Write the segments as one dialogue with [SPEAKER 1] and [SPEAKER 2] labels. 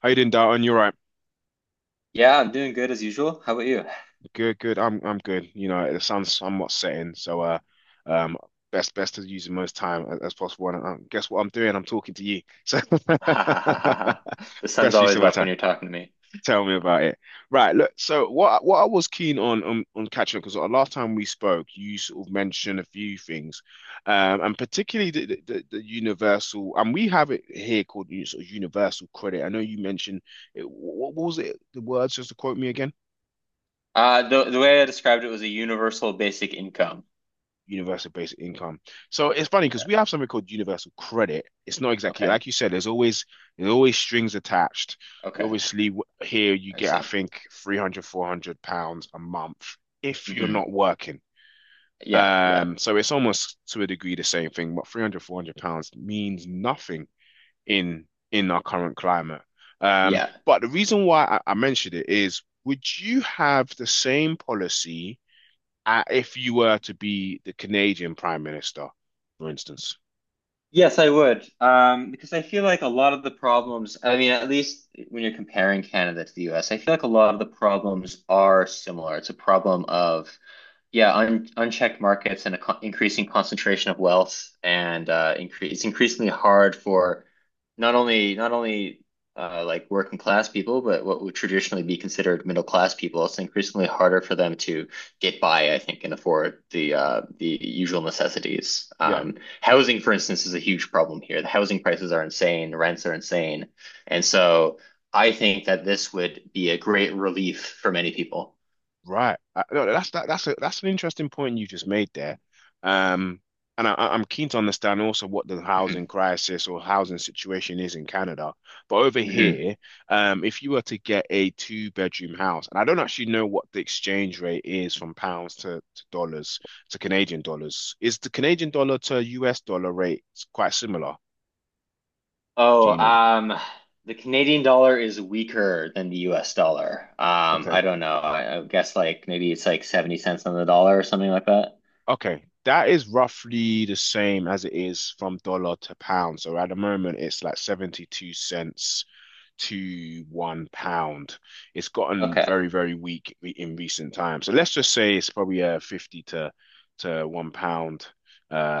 [SPEAKER 1] How you doing, Darton? You're right.
[SPEAKER 2] Yeah, I'm doing good as usual. How about you?
[SPEAKER 1] Good, good. I'm good. You know, the sun's somewhat setting, so um, best to use the most time as possible. And guess what I'm doing? I'm talking to you. So
[SPEAKER 2] Ha ha ha ha ha. The sun's
[SPEAKER 1] best use
[SPEAKER 2] always
[SPEAKER 1] of my
[SPEAKER 2] up when
[SPEAKER 1] time.
[SPEAKER 2] you're talking to me.
[SPEAKER 1] Tell me about it. Right. Look. So what I was keen on catching up, because last time we spoke, you sort of mentioned a few things, and particularly the universal. And we have it here called, you sort of, universal credit. I know you mentioned it. What was it? The words, just to quote me again.
[SPEAKER 2] The way I described it was a universal basic income.
[SPEAKER 1] Universal basic income. So it's funny because
[SPEAKER 2] Yeah.
[SPEAKER 1] we have something called universal credit. It's not exactly
[SPEAKER 2] Okay.
[SPEAKER 1] like you said. There's always, there's always strings attached. You
[SPEAKER 2] Okay.
[SPEAKER 1] obviously, here you
[SPEAKER 2] I
[SPEAKER 1] get, I
[SPEAKER 2] see.
[SPEAKER 1] think, 300 400 pounds a month if you're
[SPEAKER 2] Hmm.
[SPEAKER 1] not working.
[SPEAKER 2] Yeah. Yeah.
[SPEAKER 1] So it's almost to a degree the same thing, but 300 400 pounds means nothing in in our current climate.
[SPEAKER 2] Yeah.
[SPEAKER 1] But the reason why I mentioned it is, would you have the same policy? If you were to be the Canadian Prime Minister, for instance.
[SPEAKER 2] Yes, I would. Because I feel like a lot of the problems, I mean, at least when you're comparing Canada to the US, I feel like a lot of the problems are similar. It's a problem of Yeah, un unchecked markets and a con increasing concentration of wealth, and incre it's increasingly hard for not only like working class people, but what would traditionally be considered middle class people. It's increasingly harder for them to get by, I think, and afford the usual necessities.
[SPEAKER 1] Yeah,
[SPEAKER 2] Housing, for instance, is a huge problem here. The housing prices are insane, rents are insane, and so I think that this would be a great relief for many people.
[SPEAKER 1] right. No, that's that, that's a, that's an interesting point you just made there. Um, am keen to understand also what the housing
[SPEAKER 2] Mhm.
[SPEAKER 1] crisis or housing situation is in Canada. But over
[SPEAKER 2] Mhm.
[SPEAKER 1] here, if you were to get a two-bedroom house, and I don't actually know what the exchange rate is from pounds to dollars to Canadian dollars. Is the Canadian dollar to US dollar rate quite similar? Do
[SPEAKER 2] Oh,
[SPEAKER 1] you know?
[SPEAKER 2] um, the Canadian dollar is weaker than the US dollar.
[SPEAKER 1] Okay.
[SPEAKER 2] I don't know. I guess like maybe it's like 70 cents on the dollar or something like that.
[SPEAKER 1] Okay, that is roughly the same as it is from dollar to pound. So at the moment, it's like 72¢ to £1. It's gotten
[SPEAKER 2] Okay.
[SPEAKER 1] very, very weak in recent times. So let's just say it's probably a 50 to £1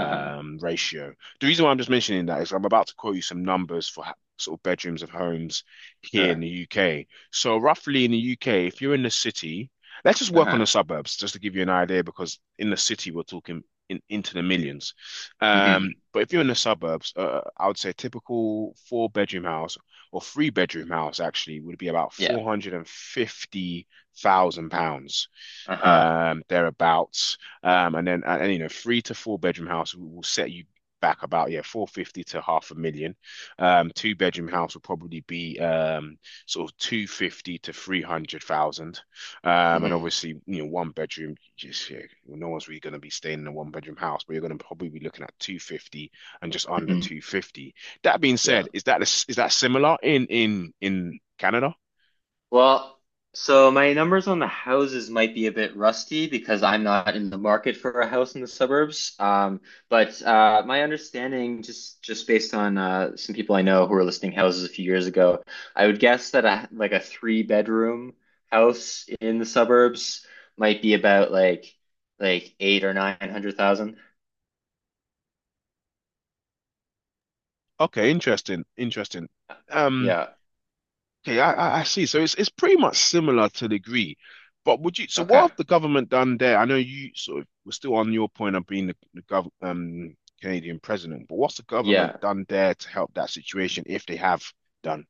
[SPEAKER 2] Uh-huh.
[SPEAKER 1] ratio. The reason why I'm just mentioning that is I'm about to quote you some numbers for sort of bedrooms of homes here in the
[SPEAKER 2] Sure.
[SPEAKER 1] UK. So roughly in the UK, if you're in the city, let's just work on
[SPEAKER 2] Uh-huh.
[SPEAKER 1] the suburbs, just to give you an idea, because in the city we're talking in, into the millions.
[SPEAKER 2] Hmm.
[SPEAKER 1] But if you're in the suburbs, I would say a typical four-bedroom house or three-bedroom house actually would be about
[SPEAKER 2] Yeah.
[SPEAKER 1] 450,000 pounds
[SPEAKER 2] Uh-huh.
[SPEAKER 1] thereabouts. And then, you know, three to four bedroom house will set you back about, yeah, 450 to half a million. Two bedroom house will probably be sort of 250 to 300,000. And
[SPEAKER 2] Hmm.
[SPEAKER 1] obviously, you know, one bedroom, just yeah, well, no one's really going to be staying in a one bedroom house, but you're going to probably be looking at 250 and just under
[SPEAKER 2] Hmm.
[SPEAKER 1] 250. That being
[SPEAKER 2] Yeah.
[SPEAKER 1] said, is that, is that similar in in Canada?
[SPEAKER 2] Well, so my numbers on the houses might be a bit rusty because I'm not in the market for a house in the suburbs. But my understanding, just based on some people I know who were listing houses a few years ago, I would guess that a like a three-bedroom house in the suburbs might be about like eight or nine hundred thousand.
[SPEAKER 1] Okay, interesting, interesting. Um,
[SPEAKER 2] Yeah.
[SPEAKER 1] Okay, I see. So it's pretty much similar, to the degree, but would you? So what
[SPEAKER 2] Okay.
[SPEAKER 1] have the government done there? I know you sort of were still on your point of being the gov, Canadian president, but what's the government
[SPEAKER 2] Yeah.
[SPEAKER 1] done there to help that situation, if they have done?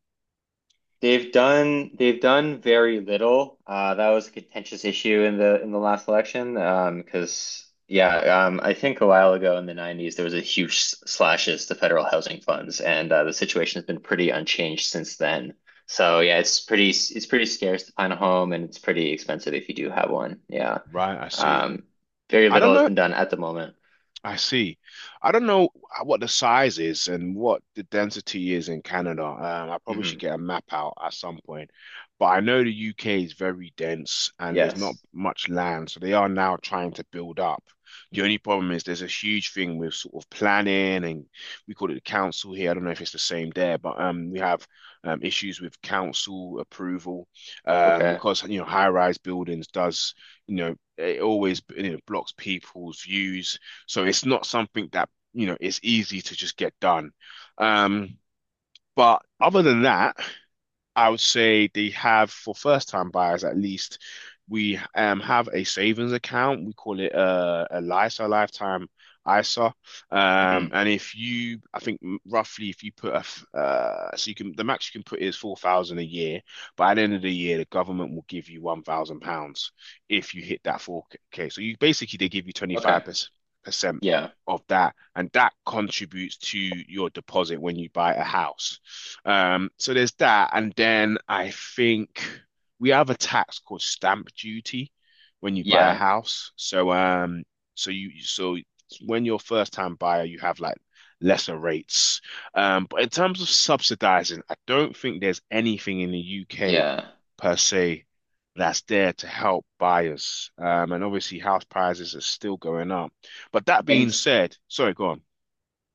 [SPEAKER 2] They've done very little. That was a contentious issue in the last election. I think a while ago in the 90s there was a huge slashes to federal housing funds, and the situation has been pretty unchanged since then. So yeah, it's pretty scarce to find a home, and it's pretty expensive if you do have one. Yeah.
[SPEAKER 1] Right, I see.
[SPEAKER 2] Um, very
[SPEAKER 1] I don't
[SPEAKER 2] little has
[SPEAKER 1] know.
[SPEAKER 2] been done at the moment.
[SPEAKER 1] I see. I don't know what the size is and what the density is in Canada. I probably should
[SPEAKER 2] Hmm.
[SPEAKER 1] get a map out at some point. But I know the UK is very dense and there's not
[SPEAKER 2] Yes.
[SPEAKER 1] much land. So they are now trying to build up. The only problem is there's a huge thing with sort of planning, and we call it the council here. I don't know if it's the same there, but we have issues with council approval
[SPEAKER 2] Okay.
[SPEAKER 1] because, you know, high-rise buildings does, you know, it always, you know, blocks people's views, so it's not something that, you know, is easy to just get done. Um, but other than that, I would say they have, for first-time buyers at least. We have a savings account. We call it a LISA, lifetime ISA.
[SPEAKER 2] Hmm.
[SPEAKER 1] And if you, I think roughly, if you put so you can, the max you can put is 4,000 a year, but at the end of the year, the government will give you £1,000 if you hit that four K. So you basically, they give you twenty five
[SPEAKER 2] Okay.
[SPEAKER 1] percent
[SPEAKER 2] Yeah.
[SPEAKER 1] of that, and that contributes to your deposit when you buy a house. So there's that, and then I think we have a tax called stamp duty when you buy a
[SPEAKER 2] Yeah.
[SPEAKER 1] house. So so you so when you're a first time buyer, you have like lesser rates. But in terms of subsidizing, I don't think there's anything in the UK
[SPEAKER 2] Yeah.
[SPEAKER 1] per se that's there to help buyers. And obviously house prices are still going up. But that
[SPEAKER 2] And
[SPEAKER 1] being said, sorry, go on.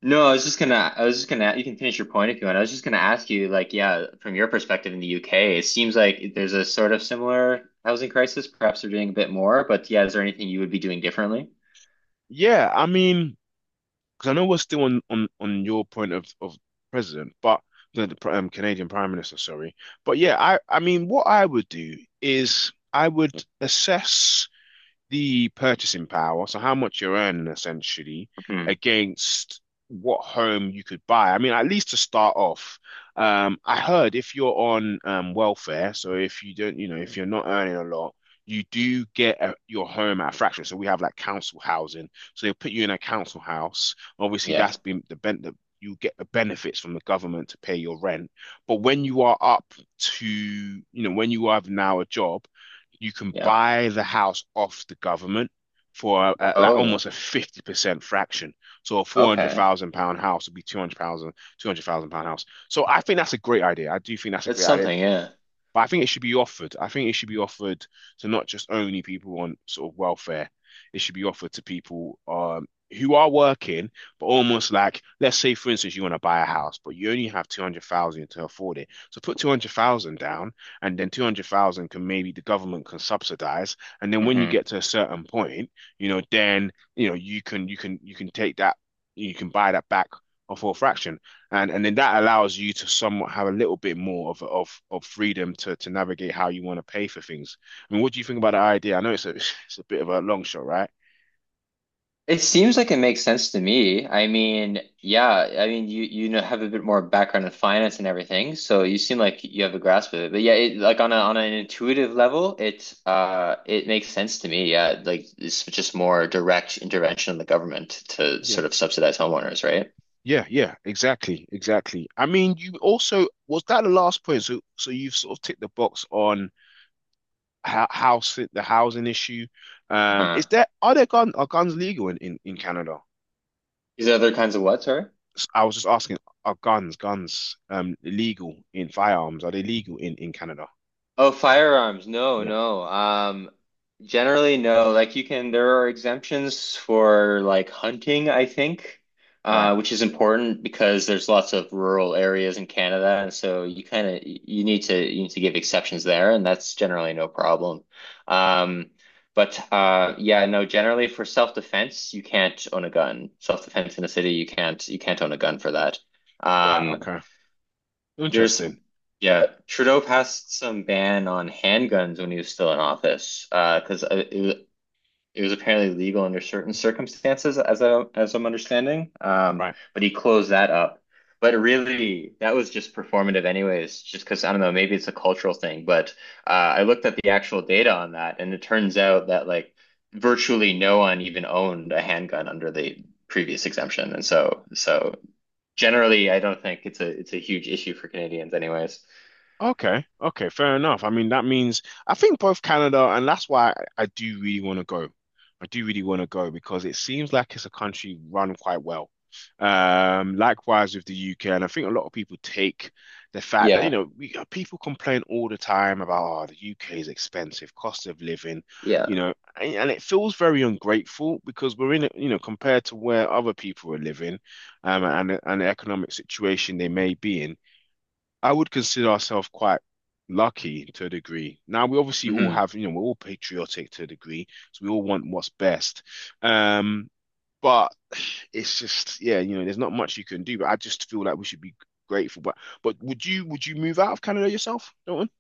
[SPEAKER 2] No, I was just gonna, I was just gonna, you can finish your point if you want. I was just gonna ask you, like, yeah, from your perspective in the UK, it seems like there's a sort of similar housing crisis. Perhaps they're doing a bit more, but yeah, is there anything you would be doing differently?
[SPEAKER 1] Yeah, I mean, because I know we're still on your point of president, but the Canadian Prime Minister, sorry. But yeah, I mean, what I would do is I would assess the purchasing power, so how much you're earning essentially,
[SPEAKER 2] Hmm.
[SPEAKER 1] against what home you could buy. I mean, at least to start off, I heard if you're on welfare, so if you don't, you know, if you're not earning a lot, you do get your home at a fraction. So we have like council housing, so they'll put you in a council house. Obviously,
[SPEAKER 2] Yeah,
[SPEAKER 1] that's been the bent, that you get the benefits from the government to pay your rent. But when you are up to, you know, when you have now a job, you can
[SPEAKER 2] yeah.
[SPEAKER 1] buy the house off the government for like almost
[SPEAKER 2] Oh,
[SPEAKER 1] a 50% fraction. So a 400,000
[SPEAKER 2] okay.
[SPEAKER 1] pound house would be 200,000, £200,000 house. So I think that's a great idea. I do think that's a
[SPEAKER 2] That's
[SPEAKER 1] great idea.
[SPEAKER 2] something, yeah.
[SPEAKER 1] But I think it should be offered. I think it should be offered to not just only people on sort of welfare. It should be offered to people who are working, but almost like, let's say, for instance, you want to buy a house, but you only have 200,000 to afford it. So put 200,000 down, and then 200,000 can, maybe the government can subsidize. And then when you
[SPEAKER 2] Hmm.
[SPEAKER 1] get to a certain point, you know, then, you know, you can take that, you can buy that back for a fraction. And then that allows you to somewhat have a little bit more of freedom to navigate how you want to pay for things. I mean, what do you think about the idea? I know it's a it's a bit of a long shot, right?
[SPEAKER 2] It seems like it makes sense to me. I mean, yeah, I mean, you know have a bit more background in finance and everything, so you seem like you have a grasp of it. But yeah, like on a on an intuitive level, it makes sense to me. Yeah, like it's just more direct intervention of the government to
[SPEAKER 1] Yeah.
[SPEAKER 2] sort of subsidize homeowners, right?
[SPEAKER 1] Yeah, yeah, exactly, exactly. I mean, you also, was that the last point? So so you've sort of ticked the box on how house, the housing issue. Is
[SPEAKER 2] Huh.
[SPEAKER 1] there, are there gun, are guns legal in Canada?
[SPEAKER 2] These other kinds of what, sorry?
[SPEAKER 1] I was just asking, are guns guns legal, in firearms? Are they legal in Canada?
[SPEAKER 2] Oh, firearms. No,
[SPEAKER 1] Yeah,
[SPEAKER 2] no. Generally, no. Like you can, there are exemptions for like hunting, I think,
[SPEAKER 1] right,
[SPEAKER 2] which is important because there's lots of rural areas in Canada, and so you kind of you need to give exceptions there, and that's generally no problem. Um, no. Generally, for self-defense, you can't own a gun. Self-defense in a city, you can't own a gun for that.
[SPEAKER 1] right,
[SPEAKER 2] Um,
[SPEAKER 1] okay.
[SPEAKER 2] there's,
[SPEAKER 1] Interesting.
[SPEAKER 2] yeah, Trudeau passed some ban on handguns when he was still in office, because it was apparently legal under certain circumstances, as I'm understanding.
[SPEAKER 1] Right.
[SPEAKER 2] But he closed that up. But really, that was just performative anyways. Just because I don't know, maybe it's a cultural thing. But I looked at the actual data on that, and it turns out that like virtually no one even owned a handgun under the previous exemption, and so generally, I don't think it's a huge issue for Canadians anyways.
[SPEAKER 1] Okay. Okay. Fair enough. I mean, that means I think both Canada, and that's why I do really want to go. I do really want to go because it seems like it's a country run quite well. Likewise with the UK, and I think a lot of people take the fact that, you
[SPEAKER 2] Yeah.
[SPEAKER 1] know, we, people complain all the time about, oh, the UK is expensive, cost of living, you
[SPEAKER 2] Yeah.
[SPEAKER 1] know, and it feels very ungrateful, because we're in, it, you know, compared to where other people are living, and the economic situation they may be in, I would consider ourselves quite lucky to a degree. Now we obviously all
[SPEAKER 2] Hmm.
[SPEAKER 1] have, you know, we're all patriotic to a degree, so we all want what's best. Um, but it's just, yeah, you know, there's not much you can do. But I just feel like we should be grateful. But would you, would you move out of Canada yourself, Dalton?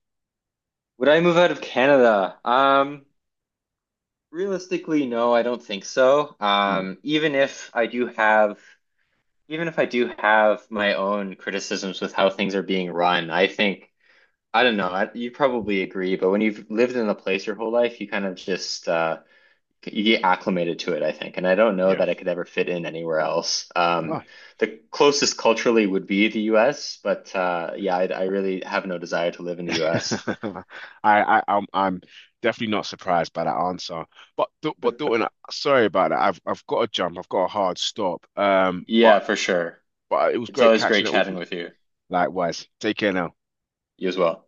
[SPEAKER 2] Would I move out of Canada? Realistically, no, I don't think so.
[SPEAKER 1] Mm,
[SPEAKER 2] Even if I do have my own criticisms with how things are being run, I think I don't know, you probably agree, but when you've lived in a place your whole life, you kind of just you get acclimated to it, I think. And I don't know
[SPEAKER 1] yeah.
[SPEAKER 2] that I could ever fit in anywhere else.
[SPEAKER 1] Oh.
[SPEAKER 2] The closest culturally would be the US, but I really have no desire to live in the US.
[SPEAKER 1] I'm definitely not surprised by that answer. But Dalton, sorry about that. I've got to jump. I've got a hard stop.
[SPEAKER 2] Yeah, for sure.
[SPEAKER 1] But it was
[SPEAKER 2] It's
[SPEAKER 1] great
[SPEAKER 2] always great
[SPEAKER 1] catching up with
[SPEAKER 2] chatting
[SPEAKER 1] you.
[SPEAKER 2] with you.
[SPEAKER 1] Likewise. Take care now.
[SPEAKER 2] You as well.